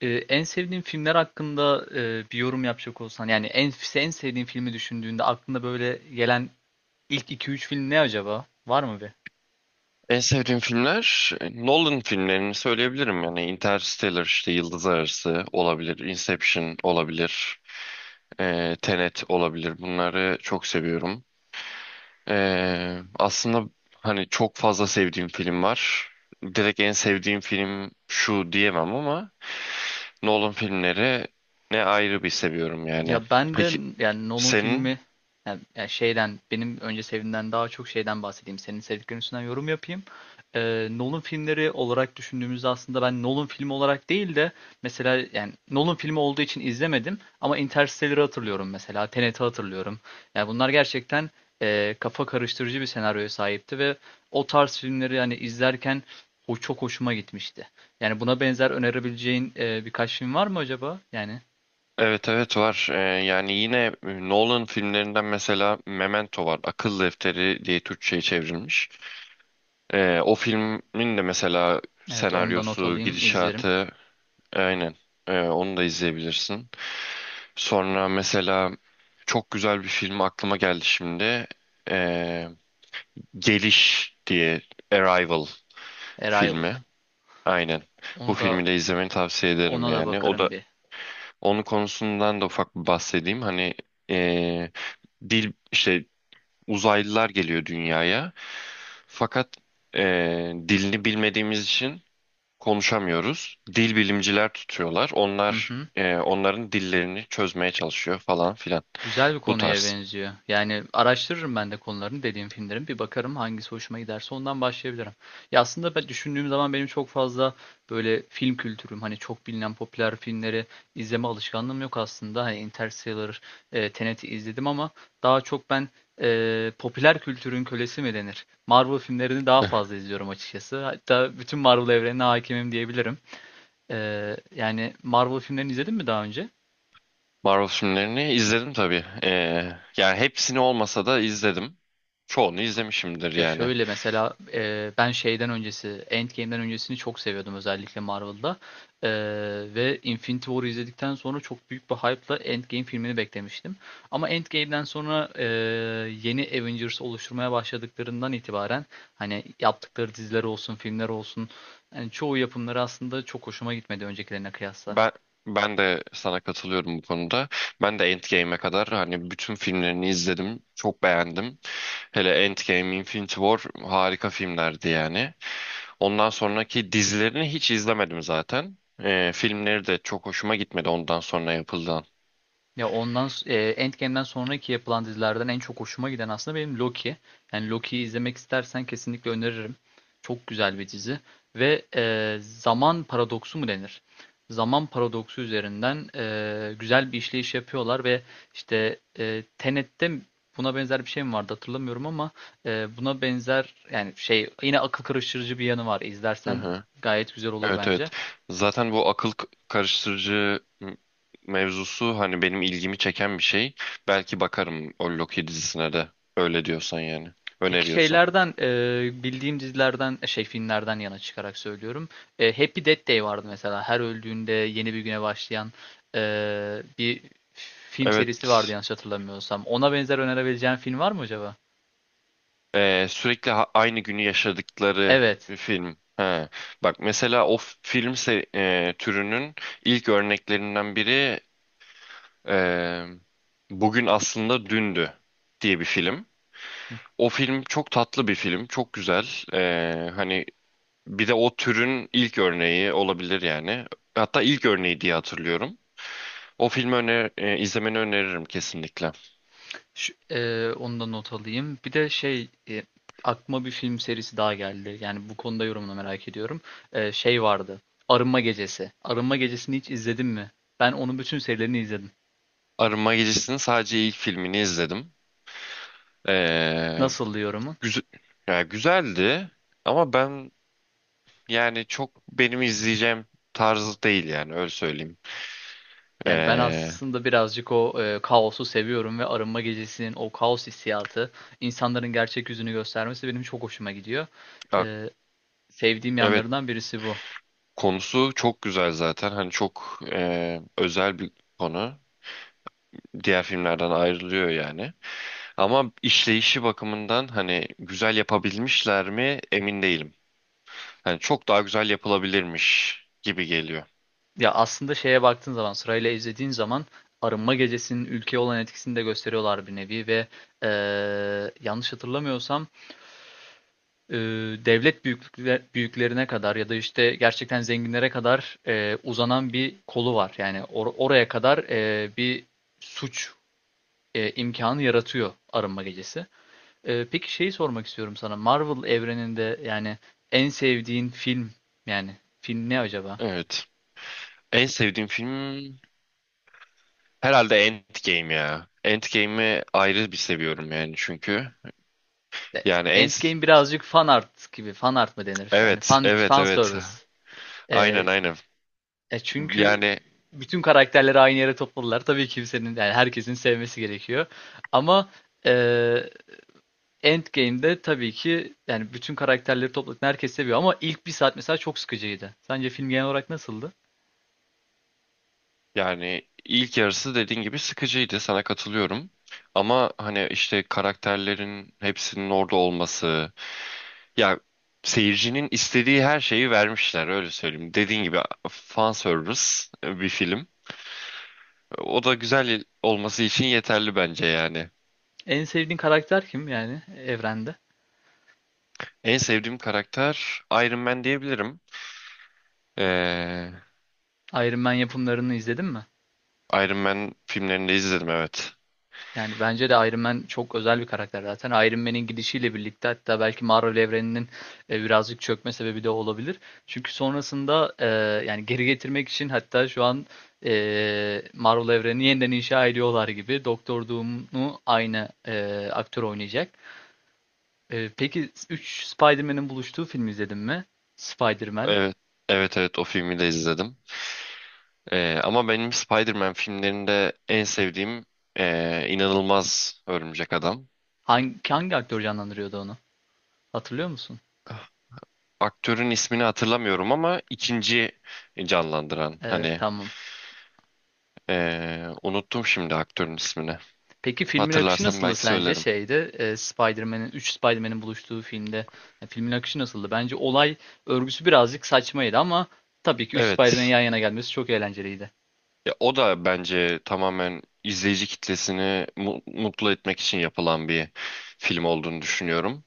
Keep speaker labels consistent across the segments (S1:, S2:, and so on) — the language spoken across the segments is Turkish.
S1: En sevdiğin filmler hakkında bir yorum yapacak olsan, yani en sevdiğin filmi düşündüğünde aklında böyle gelen ilk 2-3 film ne acaba? Var mı?
S2: En sevdiğim filmler Nolan filmlerini söyleyebilirim. Yani Interstellar işte Yıldız Arası olabilir, Inception olabilir, Tenet olabilir. Bunları çok seviyorum. Aslında hani çok fazla sevdiğim film var. Direkt en sevdiğim film şu diyemem ama Nolan filmleri ne ayrı bir seviyorum yani.
S1: Ya ben de,
S2: Peki
S1: yani Nolan
S2: senin?
S1: filmi, yani şeyden, benim önce sevdiğimden daha çok şeyden bahsedeyim. Senin sevdiklerin üstünden yorum yapayım. Nolan filmleri olarak düşündüğümüzde aslında ben Nolan filmi olarak değil de, mesela yani Nolan filmi olduğu için izlemedim ama Interstellar'ı hatırlıyorum mesela. Tenet'i hatırlıyorum. Yani bunlar gerçekten kafa karıştırıcı bir senaryoya sahipti ve o tarz filmleri yani izlerken o çok hoşuma gitmişti. Yani buna benzer önerebileceğin birkaç film var mı acaba? Yani,
S2: Evet evet, var. Yani yine Nolan filmlerinden mesela Memento var. Akıl Defteri diye Türkçe'ye çevrilmiş. O filmin de mesela
S1: evet, onu da not
S2: senaryosu,
S1: alayım, izlerim.
S2: gidişatı aynen. Onu da izleyebilirsin. Sonra mesela çok güzel bir film aklıma geldi şimdi. Ee, Geliş diye, Arrival
S1: Arrival.
S2: filmi. Aynen. Bu
S1: Onu da,
S2: filmi de izlemeni tavsiye ederim
S1: ona da
S2: yani. O
S1: bakarım
S2: da,
S1: bir.
S2: onun konusundan da ufak bir bahsedeyim. Hani ee, dil işte, uzaylılar geliyor dünyaya. Fakat dilini bilmediğimiz için konuşamıyoruz. Dil bilimciler tutuyorlar.
S1: Hı
S2: Onlar
S1: hı.
S2: onların dillerini çözmeye çalışıyor falan filan.
S1: Güzel bir
S2: Bu
S1: konuya
S2: tarz.
S1: benziyor. Yani araştırırım ben de konularını dediğim filmlerin. Bir bakarım, hangisi hoşuma giderse ondan başlayabilirim. Ya aslında ben düşündüğüm zaman benim çok fazla böyle film kültürüm, hani çok bilinen popüler filmleri izleme alışkanlığım yok aslında. Hani Interstellar, Tenet'i izledim ama daha çok ben popüler kültürün kölesi mi denir? Marvel filmlerini daha
S2: Eh,
S1: fazla izliyorum açıkçası. Hatta bütün Marvel evrenine hakimim diyebilirim. Yani Marvel filmlerini izledin mi daha önce?
S2: Marvel filmlerini izledim tabii. Yani hepsini olmasa da izledim. Çoğunu izlemişimdir
S1: Ya
S2: yani.
S1: şöyle mesela, ben şeyden öncesi, Endgame'den öncesini çok seviyordum özellikle Marvel'da. Ee, Ve Infinity War'ı izledikten sonra çok büyük bir hype'la Endgame filmini beklemiştim. Ama Endgame'den sonra, yeni Avengers oluşturmaya başladıklarından itibaren hani yaptıkları diziler olsun, filmler olsun, yani çoğu yapımları aslında çok hoşuma gitmedi öncekilerine kıyasla.
S2: Ben ben de sana katılıyorum bu konuda. Ben de Endgame'e kadar hani bütün filmlerini izledim. Çok beğendim. Hele Endgame, Infinity War harika filmlerdi yani. Ondan sonraki dizilerini hiç izlemedim zaten. Filmleri de çok hoşuma gitmedi ondan sonra yapılan.
S1: Ya ondan Endgame'den sonraki yapılan dizilerden en çok hoşuma giden aslında benim Loki. Yani Loki'yi izlemek istersen kesinlikle öneririm. Çok güzel bir dizi ve zaman paradoksu mu denir? Zaman paradoksu üzerinden güzel bir işleyiş yapıyorlar ve işte Tenet'te buna benzer bir şey mi vardı hatırlamıyorum ama buna benzer, yani şey, yine akıl karıştırıcı bir yanı var.
S2: Hı
S1: İzlersen
S2: hı.
S1: gayet güzel olur
S2: Evet evet.
S1: bence.
S2: Zaten bu karıştırıcı mevzusu hani benim ilgimi çeken bir şey. Belki bakarım o Loki dizisine de. Öyle diyorsan yani.
S1: Peki
S2: Öneriyorsan.
S1: şeylerden, bildiğim dizilerden, şey, filmlerden yana çıkarak söylüyorum. Happy Death Day vardı mesela. Her öldüğünde yeni bir güne başlayan bir film serisi vardı
S2: Evet.
S1: yanlış hatırlamıyorsam. Ona benzer önerebileceğin film var mı acaba?
S2: Sürekli aynı günü yaşadıkları
S1: Evet.
S2: bir film. Ha. Bak mesela o f- film se- e, türünün ilk örneklerinden biri, e, Bugün Aslında Dündü diye bir film. O film çok tatlı bir film, çok güzel. Hani bir de o türün ilk örneği olabilir yani. Hatta ilk örneği diye hatırlıyorum. O filmi izlemeni öneririm kesinlikle.
S1: Şu, onu da not alayım. Bir de şey, aklıma bir film serisi daha geldi. Yani bu konuda yorumunu merak ediyorum. Şey vardı. Arınma Gecesi. Arınma Gecesi'ni hiç izledin mi? Ben onun bütün serilerini izledim.
S2: Arınma Gecesi'nin sadece ilk filmini izledim. Ee,
S1: Nasıl yorumun?
S2: Güzel, ya güzeldi ama ben yani çok benim izleyeceğim tarzı değil yani, öyle söyleyeyim.
S1: Yani ben
S2: Ee,
S1: aslında birazcık o, kaosu seviyorum ve arınma gecesinin o kaos hissiyatı, insanların gerçek yüzünü göstermesi benim çok hoşuma gidiyor.
S2: ya-
S1: Eee, Sevdiğim
S2: evet,
S1: yanlarından birisi bu.
S2: konusu çok güzel zaten. Hani çok özel bir konu. Diğer filmlerden ayrılıyor yani. Ama işleyişi bakımından hani güzel yapabilmişler mi emin değilim. Hani çok daha güzel yapılabilirmiş gibi geliyor.
S1: Ya aslında şeye baktığın zaman, sırayla izlediğin zaman arınma gecesinin ülkeye olan etkisini de gösteriyorlar bir nevi ve yanlış hatırlamıyorsam eee, devlet büyüklerine kadar ya da işte gerçekten zenginlere kadar uzanan bir kolu var. Yani oraya kadar bir suç imkanı yaratıyor Arınma Gecesi. Peki şeyi sormak istiyorum sana. Marvel evreninde, yani en sevdiğin film, yani film ne acaba?
S2: Evet. En sevdiğim film herhalde Endgame ya. Endgame'i ayrı bir seviyorum yani, çünkü.
S1: E,
S2: Yani en,
S1: Endgame birazcık fan art gibi. Fan art mı denir? Yani
S2: evet
S1: fan
S2: evet
S1: fan
S2: evet,
S1: service.
S2: aynen
S1: E,
S2: aynen.
S1: Çünkü
S2: Yani
S1: bütün karakterleri aynı yere topladılar. Tabii kimsenin, yani herkesin sevmesi gerekiyor. Ama e, Endgame'de tabii ki, yani bütün karakterleri topladın, herkes seviyor ama ilk bir saat mesela çok sıkıcıydı. Sence film genel olarak nasıldı?
S2: yani ilk yarısı dediğin gibi sıkıcıydı, sana katılıyorum ama hani işte karakterlerin hepsinin orada olması ya, seyircinin istediği her şeyi vermişler, öyle söyleyeyim. Dediğin gibi fan service bir film. O da güzel olması için yeterli bence yani.
S1: En sevdiğin karakter kim, yani evrende?
S2: En sevdiğim karakter Iron Man diyebilirim. ee,
S1: Iron Man yapımlarını izledin mi?
S2: Iron Man filmlerini de izledim, evet.
S1: Yani bence de Iron Man çok özel bir karakter zaten. Iron Man'in gidişiyle birlikte hatta belki Marvel evreninin birazcık çökme sebebi de olabilir. Çünkü sonrasında, yani geri getirmek için hatta şu an Marvel evrenini yeniden inşa ediyorlar gibi. Doktor Doom'u aynı aktör oynayacak. Peki 3 Spider-Man'in buluştuğu filmi izledin mi? Spider-Man.
S2: Evet, evet evet, o filmi de izledim. Ama benim Spider-Man filmlerinde en sevdiğim inanılmaz Örümcek Adam.
S1: Hangi aktör canlandırıyordu onu? Hatırlıyor musun?
S2: Aktörün ismini hatırlamıyorum ama ikinci canlandıran
S1: Evet,
S2: hani,
S1: tamam.
S2: unuttum şimdi aktörün ismini.
S1: Peki filmin akışı
S2: Hatırlarsam
S1: nasıldı
S2: belki
S1: sence
S2: söylerim.
S1: şeyde, Spider-Man'in, 3 Spider-Man'in buluştuğu filmde, filmin akışı nasıldı? Bence olay örgüsü birazcık saçmaydı ama tabii ki 3 Spider-Man'in
S2: Evet.
S1: yan yana gelmesi çok eğlenceliydi.
S2: Ya, o da bence tamamen izleyici kitlesini mutlu etmek için yapılan bir film olduğunu düşünüyorum.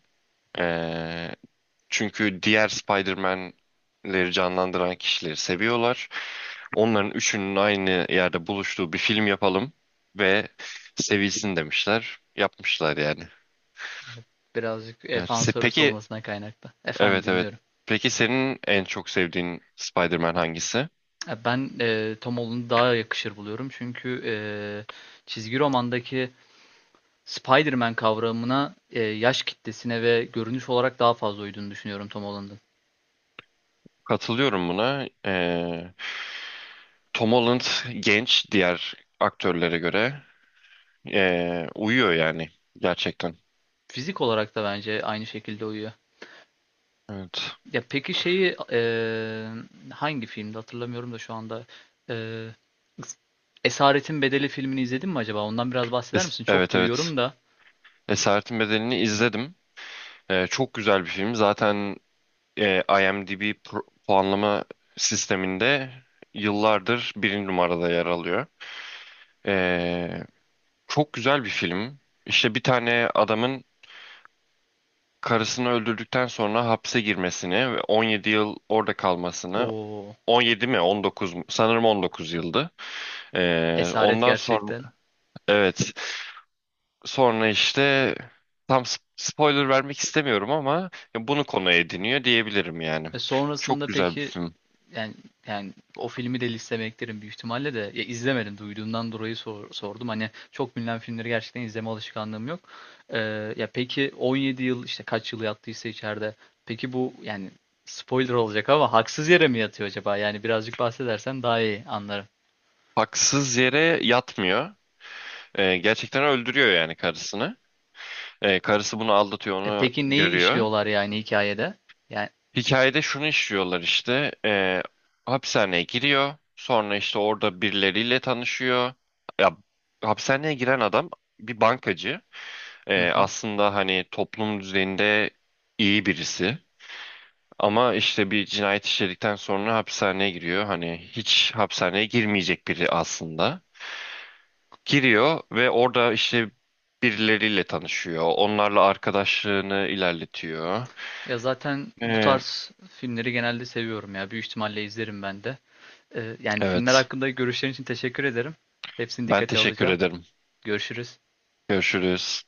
S2: Ee, Çünkü diğer Spider-Man'leri canlandıran kişileri seviyorlar. Onların üçünün aynı yerde buluştuğu bir film yapalım ve sevilsin demişler. Yapmışlar yani.
S1: Birazcık fan service
S2: Peki,
S1: olmasına kaynaklı. Efendim,
S2: evet evet.
S1: dinliyorum.
S2: Peki senin en çok sevdiğin Spider-Man hangisi?
S1: Ben Tom Holland'ı daha yakışır buluyorum çünkü çizgi romandaki Spider-Man kavramına, yaş kitlesine ve görünüş olarak daha fazla uyduğunu düşünüyorum Tom Holland'ın.
S2: Katılıyorum buna. Tom Holland genç, diğer aktörlere göre uyuyor yani gerçekten.
S1: Fizik olarak da bence aynı şekilde uyuyor.
S2: Evet.
S1: Ya peki şeyi, hangi filmde hatırlamıyorum da şu anda, eee, Esaretin Bedeli filmini izledin mi acaba? Ondan biraz bahseder misin? Çok
S2: Evet evet.
S1: duyuyorum da.
S2: Esaretin Bedeli'ni izledim. Çok güzel bir film. Zaten IMDb puanlama sisteminde yıllardır birinci numarada yer alıyor. Ee, Çok güzel bir film. İşte bir tane adamın karısını öldürdükten sonra hapse girmesini ve 17 yıl orada kalmasını,
S1: O
S2: 17 mi 19 mu? Sanırım 19 yıldı.
S1: esaret
S2: Ondan sonra,
S1: gerçekten.
S2: evet, sonra işte, tam spoiler vermek istemiyorum ama bunu konu ediniyor diyebilirim yani.
S1: E
S2: Çok
S1: sonrasında
S2: güzel bir
S1: peki,
S2: film.
S1: yani, yani o filmi de listeme eklerim büyük ihtimalle de. Ya izlemedim, duyduğumdan dolayı sordum. Hani çok bilinen filmleri gerçekten izleme alışkanlığım yok. Ee, Ya peki 17 yıl işte kaç yıl yattıysa içeride. Peki bu, yani spoiler olacak ama haksız yere mi yatıyor acaba? Yani birazcık bahsedersen daha iyi anlarım.
S2: Haksız yere yatmıyor. Gerçekten öldürüyor yani karısını. Karısı bunu aldatıyor,
S1: E
S2: onu
S1: peki neyi
S2: görüyor.
S1: işliyorlar yani hikayede? Yani,
S2: Hikayede şunu işliyorlar işte. Hapishaneye giriyor. Sonra işte orada birileriyle tanışıyor. Ya, hapishaneye giren adam bir bankacı.
S1: hı hı.
S2: Aslında hani toplum düzeyinde iyi birisi. Ama işte bir cinayet işledikten sonra hapishaneye giriyor. Hani hiç hapishaneye girmeyecek biri aslında. Giriyor ve orada işte birileriyle tanışıyor. Onlarla arkadaşlığını ilerletiyor.
S1: Ya zaten bu
S2: Ee,
S1: tarz filmleri genelde seviyorum ya. Büyük ihtimalle izlerim ben de. Yani filmler
S2: evet.
S1: hakkında görüşlerin için teşekkür ederim. Hepsini
S2: Ben
S1: dikkate
S2: teşekkür
S1: alacağım.
S2: ederim.
S1: Görüşürüz.
S2: Görüşürüz.